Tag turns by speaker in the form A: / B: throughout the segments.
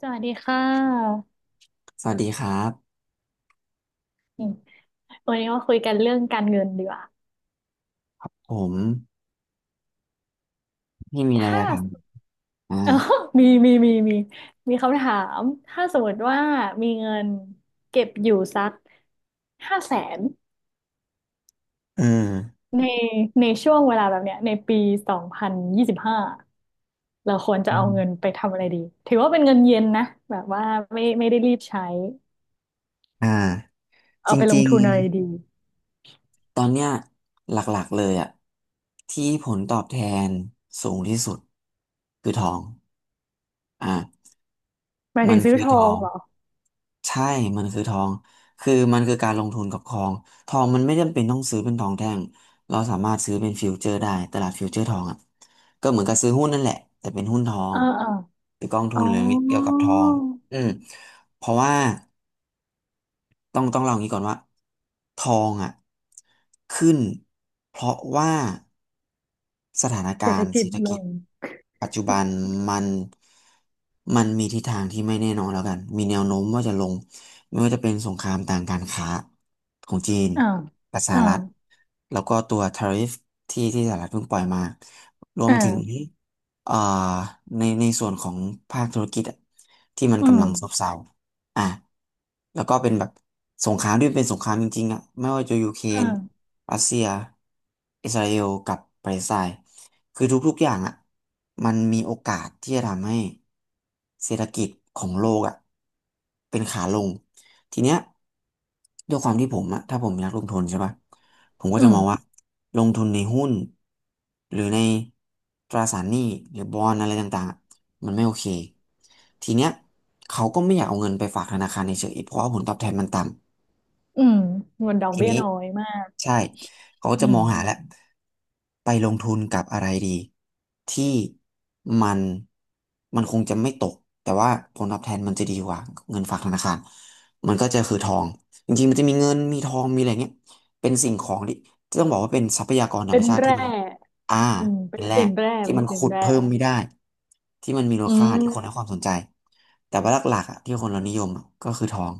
A: สวัสดีค่ะ
B: สวัสดีครับ
A: อืมวันนี้มาคุยกันเรื่องการเงินดีกว่า
B: ผมมีอะไรอ
A: ถ้า
B: ยากถามอ่า
A: เออมีมีมีมีมีคำถามถ้าสมมติว่ามีเงินเก็บอยู่สัก500,000
B: เอืม
A: ในช่วงเวลาแบบเนี้ยในปี2025เราควรจะ
B: อื
A: เอา
B: ม
A: เงินไปทำอะไรดีถือว่าเป็นเงินเย็นนะแบบว่าไม่ได้รีบใช้
B: อ่าจ
A: เอาไปลง
B: ริง
A: ทุนอะไรดี
B: ๆตอนเนี้ยหลักๆเลยอะที่ผลตอบแทนสูงที่สุดคือทองอ่า
A: หมาย
B: มั
A: ถึ
B: น
A: งซื้อ
B: คือ
A: ทอ
B: ทอ
A: ง
B: ง
A: เหรอ
B: ใช่มันคือทองมันคือการลงทุนกับทอง ทองมันไม่จำเป็นต้องซื้อเป็นทองแท่ง เราสามารถซื้อเป็นฟิวเจอร์ได้ตลาดฟิวเจอร์ทองอ่ะก็เหมือนกับซื้อหุ้นนั่นแหละแต่เป็นหุ้นทอง
A: อ่าอ่า
B: หรือกองทุ
A: อ๋อ
B: นหรือเกี่ยวกับทองอืมเพราะว่า ต้องเล่าอย่างนี้ก่อนว่าทองอ่ะขึ้นเพราะว่าสถาน
A: เศร
B: กา
A: ษฐ
B: รณ์
A: กิ
B: เศร
A: จ
B: ษฐ
A: ล
B: กิจ
A: ง
B: ปัจจุบันมันมันมีทิศทางที่ไม่แน่นอนแล้วกันมีแนวโน้มว่าจะลงไม่ว่าจะเป็นสงครามทางการค้าของจีน
A: อ่า
B: กับสห
A: อ่า
B: รัฐแล้วก็ตัวทาริฟที่สหรัฐเพิ่งปล่อยมารวมถึง
A: อ่า
B: เอ่อในส่วนของภาคธุรกิจอะที่มัน
A: อืม
B: กำลังซบเซา อ่ะแล้วก็เป็นแบบสงครามที่เป็นสงครามจริงๆอ่ะไม่ว่าจะยูเคร
A: อ
B: น
A: ่า
B: รัสเซียอิสราเอลกับปาเลสไตน์คือทุกๆอย่างอ่ะมันมีโอกาสที่จะทำให้เศรษฐกิจของโลกอ่ะเป็นขาลงทีเนี้ยด้วยความที่ผมอ่ะถ้าผมอยากลงทุนใช่ปะ ผมก็
A: อื
B: จะ
A: ม
B: มองว่าลงทุนในหุ้นหรือในตราสารหนี้หรือบอนด์อะไรต่างๆอะมันไม่โอเคทีเนี้ยเขาก็ไม่อยากเอาเงินไปฝากธนาคารเฉยๆเพราะว่าผลตอบแทนมันต่ำ
A: อืมงนดอก
B: ที
A: เบี้ย
B: นี้
A: น้อยมาก
B: ใช่เขาก็
A: อื
B: จะม
A: ม
B: องหาแล้วไปลงทุนกับอะไรดีที่มันมันคงจะไม่ตกแต่ว่าผลตอบแทนมันจะดีกว่าเงินฝากธนาคารมันก็จะคือทองจริงๆมันจะมีเงินมีทองมีอะไรเงี้ยเป็นสิ่งของที่ต้องบอกว่าเป็นทรัพยากรธรร
A: เป็
B: ม
A: น
B: ชาติที่
A: แร่
B: มันอ่า
A: อืมเป็
B: เป็น
A: น
B: แร่
A: สินแร่
B: ที่
A: เป็น
B: มัน
A: สิน
B: ขุด
A: แร่
B: เพิ่มไม่ได้ที่มันมีมูล
A: อื
B: ค่าที่คนให้
A: ม
B: ความสนใจแต่ว่าหลักๆอ่ะที่คนเรานิยมอะก็คือทอง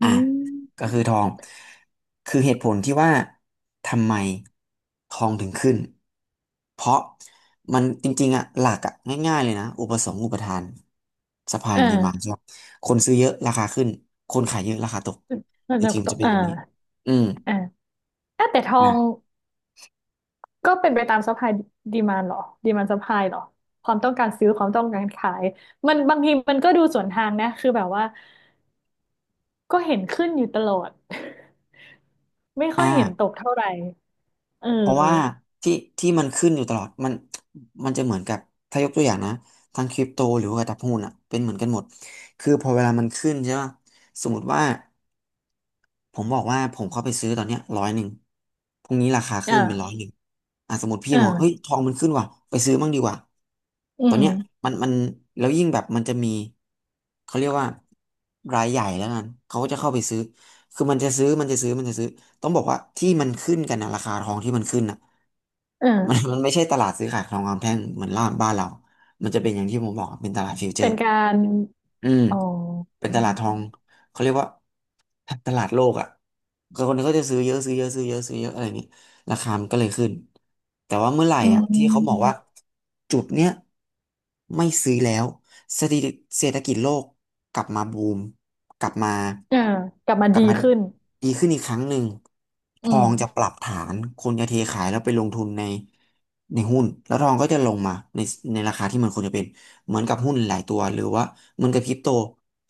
A: อื
B: อ่ะก็
A: ม
B: คือทองคือเหตุผลที่ว่าทำไมทองถึงขึ้นเพราะมันจริงๆอ่ะหลักอ่ะง่ายๆเลยนะอุปสงค์อุปทาน supply
A: อ
B: and demand
A: ่า
B: ใช่ไหมคนซื้อเยอะราคาขึ้นคนขายเยอะราคาตก
A: แล้ว
B: จ
A: เรา
B: ริง
A: ก
B: ๆมัน
A: ต้อ
B: จะ
A: ง
B: เป็นแบบนี้อืม
A: อ่าอ่ะแต่ทอ
B: นะ
A: งก็เป็นไปตามซัพพลายดีมานหรอดีมานซัพพลายหรอความต้องการซื้อความต้องการขายมันบางทีมันก็ดูสวนทางนะคือแบบว่าก็เห็นขึ้นอยู่ตลอด ไม่ค่อ
B: อ่า
A: ยเห็นตกเท่าไหร่เออ
B: เพราะว่าที่ที่มันขึ้นอยู่ตลอดมันจะเหมือนกับถ้ายกตัวอย่างนะทั้งคริปโตหรือว่าตลาดหุ้นอ่ะเป็นเหมือนกันหมดคือพอเวลามันขึ้นใช่ป่ะสมมติว่า ผมบอกว่าผมเข้าไปซื้อตอนเนี้ยร้อยหนึ่งพรุ่งนี้ราคาขึ้นเป็นร้อย
A: อ่า
B: หนึ่งอ่ะสมมติพี่มองเฮ้ย
A: อ่า
B: ทองมันขึ้นว่ะไปซื้อมั่งดีกว่า
A: อื
B: ตอน
A: ม
B: เนี้ยมันมันแล้วยิ่งแบบมันจะมีเขาเรียกว่ารายใหญ่แล้วกันเขาก็จะเข้าไปซื้อคือมันจะซื้อต้องบอกว่าที่มันขึ้นกันนะราคาทองที่มันขึ้นน่ะ
A: เอ
B: มัน
A: อ
B: มันไม่ใช่ตลาดซื้อขายทองคำแท่งเหมือนล่านบ้านเรามันจะเป็นอย่างที่ผมบอกอะเป็นตลาดฟิวเจอ
A: เป็น
B: ร์
A: การ
B: อืม
A: อ๋อ
B: เป็น
A: อ
B: ตลาดทองเขาเรียกว่าตลาดโลกอ่ะก็คนก็จะซื้อเยอะซื้อเยอะซื้อเยอะซื้อเยอะอะไรอย่างนี้ราคามันก็เลยขึ้นแต่ว่าเมื่อไหร่
A: ื
B: อ่ะที่เขาบอก
A: ม
B: ว่าจุดเนี้ยไม่ซื้อแล้วเศรษฐกิจเศรษฐกิจโลกกลับมาบูมกลับมา
A: เอ่ากลับมา
B: กลับ
A: ดี
B: มาอืม
A: ขึ้น
B: ดีขึ้นอีกครั้งหนึ่งท
A: อื
B: อ
A: ม
B: งจะปรับฐานคนจะเทขายแล้วไปลงทุนในหุ้นแล้วทองก็จะลงมาในราคาที่มันควรจะเป็น เหมือนกับหุ้นหลายตัวหรือว่าเหมือนกับคริปโต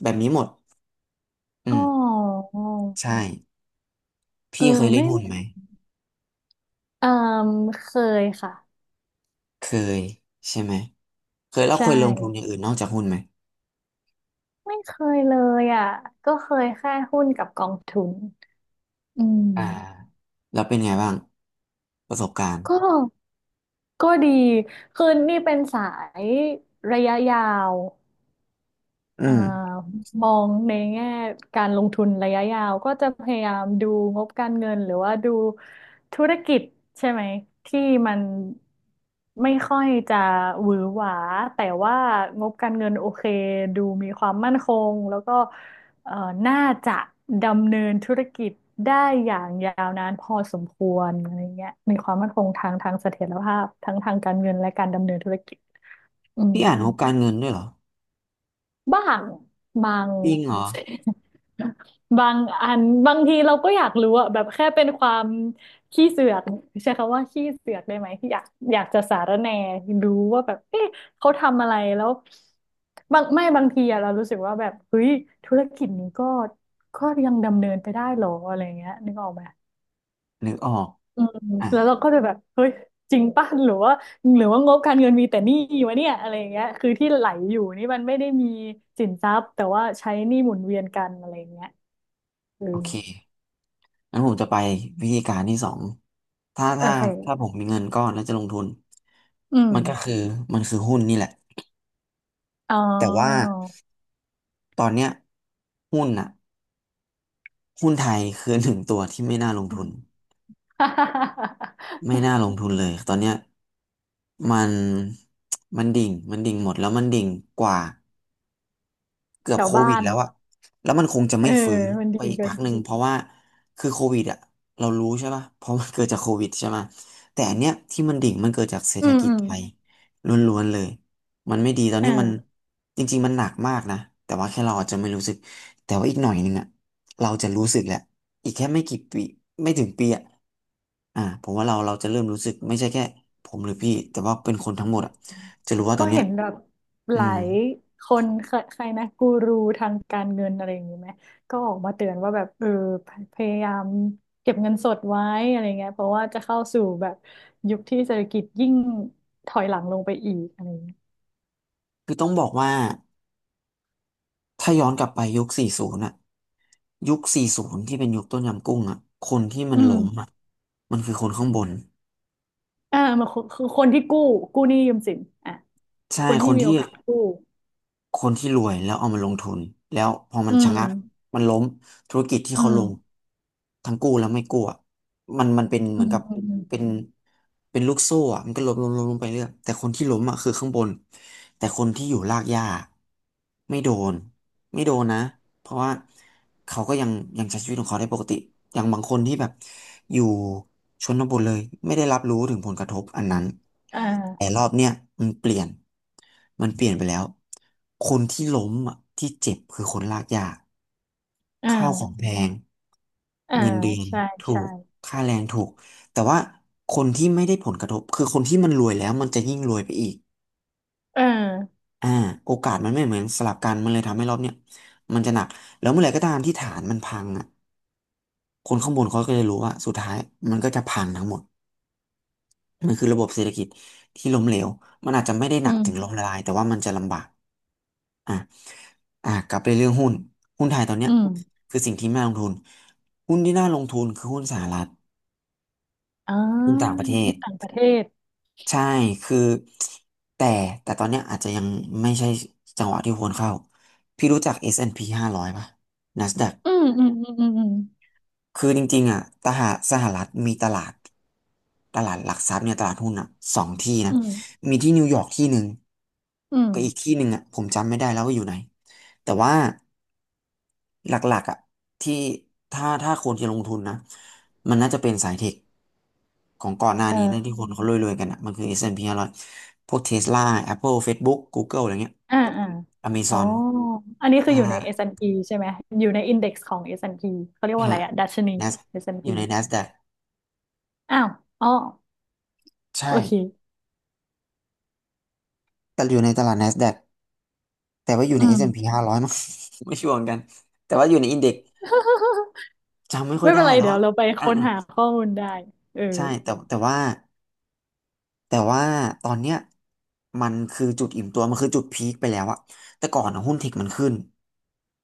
B: แบบนี้หมด
A: อ๋
B: อื
A: อ
B: มใช่อ
A: เอ
B: พี่เค
A: อ
B: ยเล่น
A: ไม่
B: หุ้น
A: ไม่
B: ไหม
A: เออเคยค่ะ
B: เคยใช่ไหมเคยแล้วเค
A: ใช่
B: ยลงทุนอย่างอื่นนอกจากหุ้นไหม
A: ไม่เคยเลยอ่ะ เคยแค่หุ้นกับกองทุนอืม
B: อ่าแล้วเป็นไงบ้างประสบการณ์
A: ก็ก็ดี คือนี่เป็นสายระยะยาว
B: อื
A: อ่า
B: ม
A: มองในแง่การลงทุนระยะยาวก็จะพยายามดูงบการเงินหรือว่าดูธุรกิจใช่ไหมที่มันไม่ค่อยจะหวือหวาแต่ว่างบการเงินโอเคดูมีความมั่นคงแล้วก็เอ่อน่าจะดำเนินธุรกิจได้อย่างยาวนานพอสมควรอะไรเงี้ยมีความมั่นคงทางเสถียรภาพทั้งทางการเงินและการดำเนินธุรกิจอืม
B: พี่อ่านงบการเงินด้วยเหรอ
A: บ้างบาง
B: จริงเหรอ
A: บางอันบางทีเราก็อยากรู้อะแบบแค่เป็นความขี้เสือกใช้คำว่าขี้เสือกได้ไหมที่อยากอยากจะสารแหน่รู้ว่าแบบเอ๊ะเขาทำอะไรแล้วบางทีอะเรารู้สึกว่าแบบเฮ้ยธุรกิจนี้ก็ยังดำเนินไปได้หรออะไรเงี้ยนึกออกไหม
B: นึกออก
A: อืม
B: อ่ะ
A: แล้วเราก็จะแบบเฮ้ยจริงป่ะหรือว่างบการเงินมีแต่หนี้วะเนี่ยอะไรอย่างเงี้ยคือที่ไหลอยู่นี่มันไม่ได้มีสินทรัพย์แต่ว่าใช้หนี้หมุนเวียนกันอะไรอย่างเงี้ยอื
B: โอ
A: ม
B: เคงั้นผมจะไปวิธีการที่สองถ้า
A: โอ
B: ถ้า
A: เค
B: ถ้าผมมีเงินก้อนแล้วจะลงทุน
A: อืม
B: มันก็คือมันคือหุ้นนี่แหละ
A: อ๋อ
B: แต่ว่าตอนเนี้ยหุ้นอ่ะ หุ้นไทยคือ หนึ่งตัวที่ไม่น่าลงทุนไม่น่าลงทุนเลยตอนเนี้ยมันมันดิ่งหมดแล้วมันดิ่งกว่า เกื อ
A: แถ
B: บ
A: ว
B: โค
A: บ้า
B: วิด
A: น
B: แล้วอะแล้วมันคงจะ
A: เออ
B: ไม่ฟื้น
A: มัน
B: ไป
A: ดี
B: อีก
A: เกั
B: พั
A: น
B: กหนึ่งเพราะว่าคือโควิดอะเรารู้ใช่ป่ะเพราะมันเกิดจากโควิดใช่ไหมแต่อันเนี้ยที่มันดิ่งมันเกิดจากเศรษ
A: อื
B: ฐ
A: ม
B: กิ
A: อื
B: จ
A: ม
B: ไทยล้วนๆเลย มันไม่ดีตอน
A: อ
B: นี้มัน
A: ่า
B: จริงๆมันหนักมากนะแต่ว่าแค่เราอาจจะไม่รู้สึกแต่ว่าอีกหน่อยหนึงอะเราจะรู้สึกแหละอีกแค่ไม่กี่ปีไม่ถึงปีอะผมว่าเราจะเริ่มรู้สึกไม่ใช่แค่ผมหรือพี่แต่ว่าเป็นคนทั้งหมดอะจะรู้ว่าต
A: ก็
B: อนเนี้ย
A: เห็นแบบห
B: อื
A: ลา
B: ม
A: ยคนใครใครนะกูรูทางการเงินอะไรอย่างนี้ไหมก็ออกมาเตือนว่าแบบเออพพยายามเก็บเงินสดไว้อะไรเงี้ยเพราะว่าจะเข้าสู่แบบยุคที่เศรษฐกิจยิ่งถอยหลังลงไปอีกอะไรเงี้ย
B: คือต้องบอกว่า ถ้าย้อนกลับไปยุค40น่ะยุค40ที่เป็นยุคต้มยำกุ้งอ่ะคนที่มั
A: อื
B: น
A: ม
B: ล้มอ่ะมันคือคนข้างบน
A: อ่ามันคือคนที่กู้กู้หนี้ยืมสินอ่ะ
B: ใช่
A: คน
B: ค
A: ที่
B: น
A: มี
B: ที่
A: โอกาสกู้
B: คนที่รวยแล้วเอามาลงทุนแล้วพอมั
A: อื
B: นชะ
A: ม
B: งักมันล้มธุรกิจที่
A: อื
B: เขาลง
A: ม
B: ทั้งกู้แล้วไม่กู้อะ มันเป็นเห
A: อื
B: มือน
A: ม
B: กับ
A: อืมอืม
B: เป็นเป็นลูกโซ่อะมันก็ล้มล้มล้มลมไปเรื่อยแต่คนที่ล้มอ่ะคือข้างบนแต่คนที่อยู่รากหญ้าไม่โดนไม่โดนนะเพราะว่าเขาก็ยังใช้ชีวิตของเขาได้ปกติอย่างบางคนที่แบบอยู่ชนบทเลยไม่ได้รับรู้ถึงผลกระทบอันนั้น
A: อ
B: แต่
A: ่า
B: รอบเนี้ยมันเปลี่ยนมันเปลี่ยนไปแล้วคนที่ล้มอ่ะที่เจ็บคือคนรากหญ้า
A: อ่
B: ข้าวของแพ
A: า
B: ง
A: อ่า
B: เงินเดือน
A: ใช่
B: ถู
A: ใช่
B: กค่าแรงถูกแต่ว่าคนที่ไม่ได้ผลกระทบคือคนที่มันรวยแล้วมันจะยิ่งรวยไปอีก
A: เออ
B: อ่าโอกาสมันไม่เหมือนสลับกันมันเลยทำให้รอบเนี่ยมันจะหนักแล้วเมื่อไหร่ก็ตามที่ฐานมันพังอ่ะคนข้างบนเขาก็จะรู้ว่าสุดท้ายมันก็จะพังทั้งหมดมันคือระบบเศรษฐกิจที่ล้มเหลวมันอาจจะไม่ได้ห
A: อื
B: นักถึงล้มละ
A: ม
B: ลายแต่ว่ามันจะลำบากอ่ะอ่ะกลับไปเรื่องหุ้นหุ้นไทยตอนเนี้
A: อื
B: ย
A: ม
B: คือสิ่งที่ไม่น่าลงทุนหุ้นที่น่าลงทุนคือหุ้นสหรัฐ
A: อ่า
B: ที่ต่างประเทศ
A: หุ้นต่างประเทศ
B: ใช่คือแต่แต่ตอนเนี้ยอาจจะยังไม่ใช่จังหวะที่ควรเข้าพี่รู้จัก S&P 500ป่ะ NASDAQ
A: อืมอืมอืมอืม
B: คือจริงๆอ่ะตหาสหรัฐมีตลาดหลักทรัพย์เนี่ยตลาดหุ้นอ่ะสองที่นะ
A: อืม
B: มีที่นิวยอร์กที่หนึ่ง
A: อืม
B: ก็อีกที่หนึ่งอ่ะผมจำไม่ได้แล้วว่าอยู่ไหนแต่ว่า หลักๆอ่ะที่ถ้าคนจะลงทุนนะมันน่าจะเป็นสายเทคของก่อนหน้านี้น่น
A: อ่า
B: ที่คนเขารวยๆกันอ่ะมันคือ S&P 500พห้าร้อยพวก Tesla Apple Facebook Google อะไรเงี้ย
A: อ่าอ่าอ๋อ
B: Amazon
A: อันนี้คืออ
B: ห้า
A: ยู่ใน S&P ใช่ไหมอยู่ในอินเด็กซ์ของ S&P เขาเรียกว่าอะ
B: ห้า
A: ไรอะดัชนี
B: Nas
A: เอสแอนด์
B: อ
A: พี
B: ยู่ใน NASDAQ
A: อ้าวอ๋อ
B: ใช่
A: โอเค
B: แต่อยู่ในตลาด NASDAQ แต่ว่าอยู่
A: อื
B: ใน
A: ม
B: S&P 500มั้ง ไม่ชัวร์เหมือนกันแต่ว่าอยู่ในอินเด็กซ์ จำไม่ค่อ
A: ไม่
B: ย
A: เป็
B: ได้
A: นไร
B: แล้ว
A: เดี๋ย
B: อ่ะ
A: วเราไป
B: อ่ะ
A: ค้นหา
B: อ่ะ
A: ข้อมูลได้เออ
B: ใช่แต่ว่าตอนเนี้ยมันคือจุดอิ่มตัวมันคือจุดพีคไปแล้วอะแต่ก่อนอะ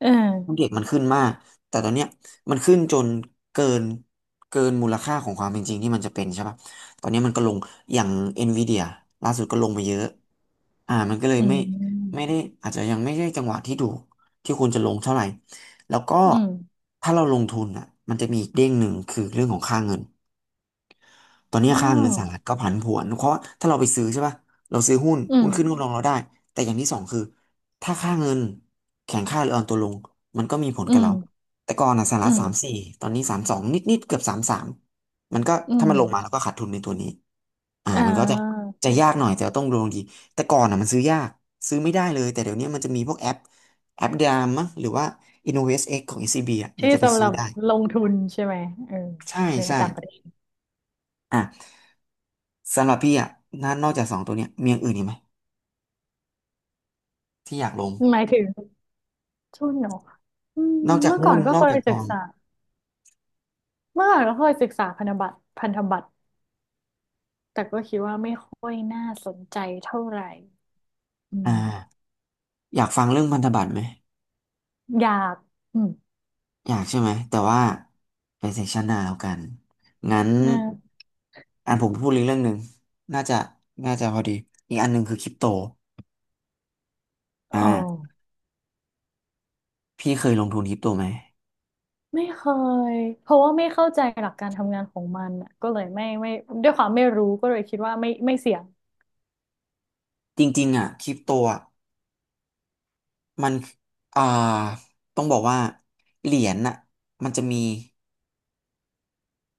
A: เออ
B: หุ้นเทคมันขึ้นมากแต่ตอนเนี้ยมันขึ้นจนเกินเกินมูลค่าของความเป็นจริงที่มันจะเป็นใช่ปะตอนนี้มันก็ลงอย่างเอ็นวีเดียล่าสุดก็ลงมาเยอะมันก็เลย
A: อื
B: ไม่
A: ม
B: ได้อาจจะยังไม่ใช่จังหวะที่ถูกที่ควรจะลงเท่าไหร่แล้วก็
A: อืมอืม
B: ถ้าเราลงทุนอ่ะมันจะมีอีกเด้งหนึ่งคือเรื่องของค่าเงิน ตอนนี้
A: อ๋อ
B: ค่าเงินสหรัฐก็ผันผวนเพราะถ้าเราไปซื้อใช่ป่ะเราซื้อหุ้น
A: อื
B: หุ้นขึ้น
A: ม
B: หุ้นลงเราได้แต่อย่างที่สองคือถ้าค่าเงินแข็งค่าหรืออ่อนตัวลงมันก็มีผล
A: อื
B: กับเรา
A: ม
B: แต่ก่อนอ่ะสห
A: อื
B: รัฐสามสี่
A: ม
B: ตอนนี้สามสองนิดๆเกือบสามสามมันก็
A: อื
B: ถ้า
A: ม
B: มันลงมาแล้วก็ขาดทุนในตัวนี้
A: อ่
B: มันก็จะ
A: า
B: จะยากหน่อยแต่ต้องลงดีแต่ก่อนอ่ะมันซื้อยากซื้อไม่ได้เลยแต่เดี๋ยวนี้มันจะมีพวกแอปแอปดามมั้งหรือว่า InnovestX ของ SCB อสซีบีอ่ะมั
A: ที่
B: นจะไป
A: สำห
B: ซื้
A: รั
B: อ
A: บ
B: ได้
A: ลงทุนใช่ไหมเออ
B: ใช่
A: ใน
B: ใช่
A: ต่างประเทศ
B: อ่ะ สำหรับพี่อ่ะนนอกจากสองตัวเนี้ยมีอย่างอื่นอีกไหมที่อยากลง
A: หมายถึงทุนเนาะอืม
B: นอกจาก
A: เมื่อก่อ
B: หุ้น
A: นก็
B: นอ
A: เค
B: ก
A: ย
B: จากท
A: ศึ
B: อ
A: ก
B: ง
A: ษาเมื่อก่อนก็เคยศึกษาพันธบัตรพันธบัตรแต่ก็คิดว่าไม่ค่อยน่าสนใจเท่าไหร่อื
B: อ่า
A: ม
B: อยากฟังเรื่องพันธบัตรไหม
A: อยากอืม
B: อยากใช่ไหม แต่ว่าไปเซสชันหน้าแล้วกัน งั้น
A: นะ
B: อันผมพูดอีกเรื่องหนึ่งน่าจะ น่าจะพอดี อีกอันหนึ่งคือคริปโต
A: เอ
B: อ่า
A: อ
B: พี่เคยลงทุนคริปโตไหม
A: ไม่เคยเพราะว่าไม่เข้าใจหลักการทำงานของมันอะก็เลยไม่ด้วยความไม่รู้ก็เลยคิดว่าไม่เสี่ยง
B: จริงๆอ่ะคริปโตอ่ะมัน อ่าต้องบอกว่าเหรียญน่ะมันจะมี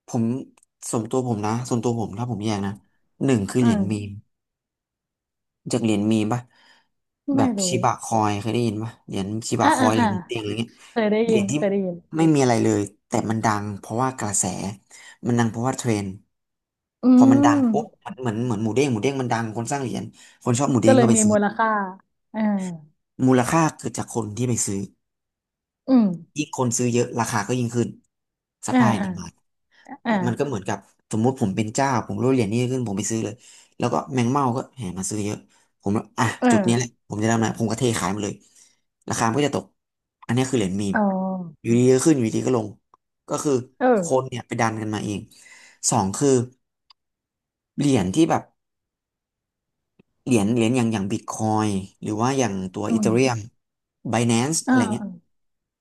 B: ผมส่วนตัวผมนะส่วนตัวผมถ้าผมแยกนะหนึ่งคือ
A: อื
B: เหรียญ
A: ม
B: มีม จากเหรียญมีมปะแบ
A: ไม่
B: บชิ
A: รู้
B: บะคอยเคยได้ยินปะเหรียญชิบะ
A: อ่า
B: คอ
A: อ่า
B: ยเหรี
A: อ่า
B: ยญเตยงอะไรเงี้ยเหรียญที่
A: เคยได้ยิน
B: ไม่มีอะไรเลยแต่มันดังเพราะว่ากระแสมันดังเพราะว่าเทรนด์
A: อื
B: พอมันดังปุ๊บ
A: ม
B: มันเหมือนหมูเด้งหมูเด้งมันดังคนสร้างเหรียญคนชอบหมูเด้
A: ก็
B: ง
A: เล
B: ก็
A: ย
B: ไป
A: มี
B: ซื้อ
A: มูลค่าเออ
B: มูลค่าเกิดจากคนที่ไปซื้อ
A: อืม
B: ยิ่งคนซื้อเยอะราคาก็ยิ่งขึ้น
A: อ่า
B: supply and
A: อ่า
B: demand
A: อ่า
B: มันก็เหมือนกับสมมุติผมเป็นเจ้าผมรู้เหรียญนี้ขึ้นผมไปซื้อเลยแล้วก็แมงเม่าก็แห่มาซื้อเยอะผมอ่ะ
A: เอ
B: จุดนี้แหละ
A: อ
B: ผมจะทำอะไรผมก็เทขายมาเลยราคามันก็จะตกอันนี้คือเหรียญมีม
A: อ๋อ
B: อยู่ดีก็ขึ้นอยู่ดีก็ลงก็คือ
A: เออ
B: คนเนี่ยไปดันกันมาเองสองคือเหรียญที่แบบเหรียญอย่างบิตคอยหรือว่าอย่างตัว
A: อื
B: อีเธอเรียม
A: ม
B: ไบแนนซ์อะ
A: อ่า
B: ไรเงี้ย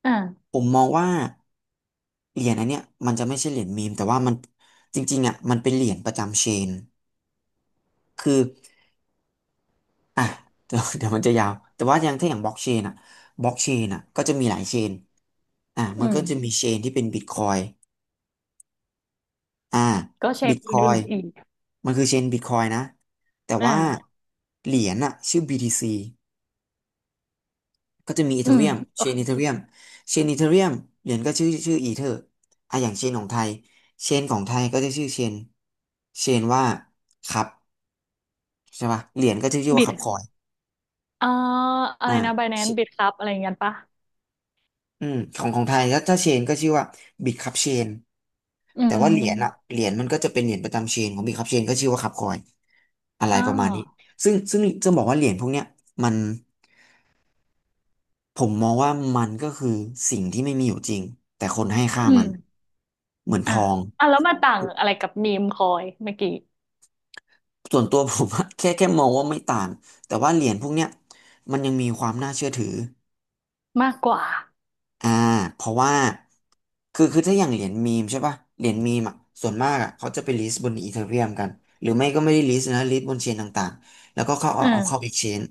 A: อ่า
B: ผมมองว่าเหรียญอันเนี้ยมันจะไม่ใช่เหรียญมีมแต่ว่ามันจริงๆอ่ะมันเป็นเหรียญประจำเชนคือ อ่ะ เดี๋ยวมันจะยาวแต่ว่าอย่างถ้าอย่างบล็อกเชนอ่ะบล็อกเชนอ่ะก็จะมีหลายเชนอ่ะ
A: อื
B: มัน
A: ม
B: ก็จะมีเชนที่เป็นบิตคอยอ่า
A: ก็เช
B: บิ
A: น
B: ตคอ
A: อื่
B: ย
A: นๆอีก
B: มันคือเชนบิตคอยนะแต่ว่า
A: อ่า
B: เหรียญอ่ะชื่อบีทีซีก็จะมีอี
A: อื
B: เธอ
A: ม
B: เรียมเชนอีเธอเรียมเชนอีเธอเรียมเหรียญก็ชื่ออีเธออ่ะอย่างเชนของไทยเชนของไทยก็จะชื่อเชนเชนว่าคับใช่ป่ะเหรียญก็จะชื่อ
A: บิ
B: ว่า
A: ด
B: คับคอย
A: อ่าอะไร
B: อ่า
A: นะ Binance บิดครับ อะไรเงี้ยปะ
B: อืมของของไทยก็ถ้าเชนก็ชื่อว่าบิตคัพเชน
A: อื
B: แต่ว่าเหรียญอะ
A: ม
B: เหรียญมันก็จะเป็นเหรียญประจำเชนของบิตคัพเชนก็ชื่อว่าคัพคอยอะไร
A: อ่
B: ประมาณนี้
A: า
B: ซึ่งจะบอกว่าเหรียญพวกเนี้ยมันผมมองว่ามันก็คือสิ่งที่ไม่มีอยู่จริงแต่คนให้ค่า
A: อื
B: มัน
A: ม
B: เหมือนท
A: อ่ะ
B: อง
A: อ่ะแล้วมาต่างอะไรกับมีมคอยเมื่อกี้
B: ส่วนตัวผมอะแค่มองว่าไม่ต่างแต่ว่าเหรียญพวกเนี้ยมันยังมีความน่าเชื่อถือ
A: มากกว่า
B: อ่าเพราะว่าคือถ้าอย่างเหรียญมีมใช่ป่ะเหรียญมีมอ่ะส่วนมากอ่ะเขาจะไปลิสต์บนอีเธอเรียมกันหรือไม่ก็ไม่ได้ลิสต์นะลิสต์บนเชนต่างๆแล้วก็เข้า
A: เอ
B: เอาเข้า
A: อ
B: เอ็กชแนน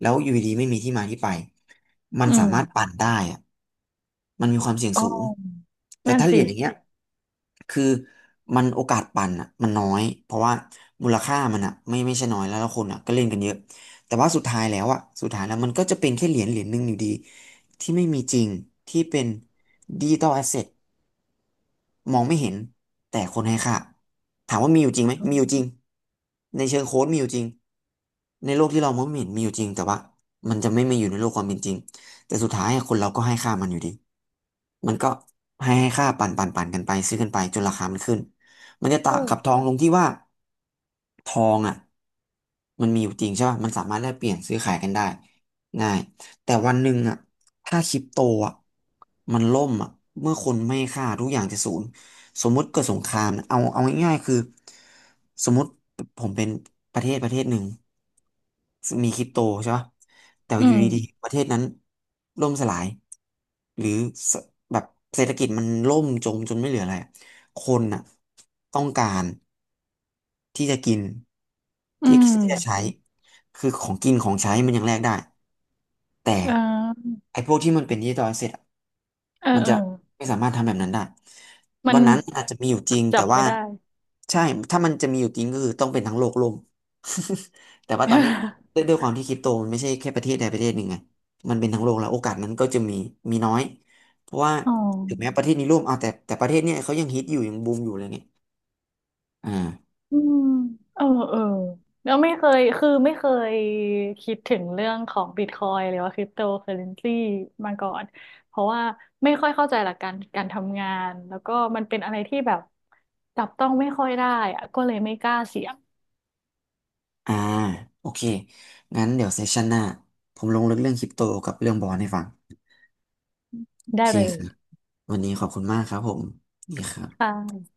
B: แล้วอยู่ดีๆไม่มีที่มาที่ไปมัน
A: อื
B: สา
A: ม
B: มารถปั่นได้อ่ะมันมีความเสี่ยง
A: อ๋อ
B: สูงแต่
A: นั่น
B: ถ้าเหรี
A: สิ
B: ยญอย่างเงี้ยคือมันโอกาสปั่นอ่ะมันน้อยเพราะว่ามูลค่ามันอ่ะไม่ใช่น้อยแล้วคนอ่ะก็เล่นกันเยอะแต่ว่าสุดท้ายแล้วอ่ะสุดท้ายแล้วมันก็จะเป็นแค่เหรียญหนึ่งอยู่ดี ที่ไม่มีจริงที่เป็นดิจิตอลแอสเซท มองไม่เห็นแต่คนให้ค่าถามว่ามีอยู่จริงไหม
A: เ
B: มีอยู่จริงในเชิงโค้ดมีอยู่จริงในโลกที่เรามองไม่เห็นมีอยู่จริงแต่ว่ามันจะไม่มีอยู่ในโลกความเป็นจริงแต่สุดท้ายคนเราก็ให้ค่ามันอยู่ดีมันก็ให้ค่าปั่นกันไปซื้อกันไปจนราคามันขึ้นมันจะ
A: อ
B: ต่า
A: อ
B: งกับทองตรงที่ว่าทองอ่ะมันมีอยู่จริงใช่ป่ะมันสามารถแลกเปลี่ยนซื้อขายกันได้ง่ายแต่วันหนึ่งอ่ะถ้าคริปโตอ่ะมันล่มอ่ะเมื่อคนไม่ให้ค่าทุกอย่างจะศูนย์ สมมุติเกิดสงครามนะเอาง่ายๆคือสมมุติผมเป็นประเทศหนึ่งมีคริปโตใช่ปะแต่
A: อื
B: อยู่
A: ม
B: ดีๆประเทศนั้นล่มสลายหรือสแบบเศรษฐกิจมันล่มจมจนไม่เหลืออะไรอะคนน่ะต้องการที่จะกิน
A: อื
B: ที่
A: ม
B: ที่จะใช้คือของกินของใช้มันยังแลกได้แต่
A: เออ
B: ไอ้พวกที่มันเป็นดิจิตอลเส็จ
A: เออ
B: มัน
A: เออ
B: จะไม่สามารถทำแบบนั้นได้
A: มั
B: วั
A: น
B: นนั้นอาจจะมีอยู่จริง
A: จั
B: แต่
A: บไม่
B: ว่า
A: ได้
B: ใช่ถ้ามันจะมีอยู่จริงก็คือต้องเป็นทั้งโลกล่ม แต่ว่าตอนเนี้ยด้วย ด้วยความที่คริปโตมันไม่ใช่แค่ประเทศใดประเทศหนึ่งไงมันเป็นทั้งโลกแล้วโอกาสนั้นก็จะมีมีน้อยเพราะว่า
A: อ๋อ
B: ถึงแม้ประเทศนี้ร่วมเอ่าวแต่ประเทศเนี้ยเขายังฮิตอยู่ยังบูมอยู่เลยเนี่ยอ่า
A: อืมเออเออแล้วไม่เคยคือไม่เคยคิดถึงเรื่องของบิตคอยหรือว่าคริปโตเคอเรนซีมาก่อน เพราะว่าไม่ค่อยเข้าใจหลักการการทำงาน แล้วก็มันเป็นอะไรที่แบบจับต้องไม่ค่อยได้อะก็เลยไม่กล้าเสี่ยง
B: อ่าโอเคงั้นเดี๋ยวเซสชันหน้าผมลงลึกเรื่องคริปโตกับเรื่องบอลให้ฟังโอ
A: ได้
B: เค
A: เลย
B: ครับวันนี้ขอบคุณมากครับผมดีครั
A: ค
B: บ
A: ่ะ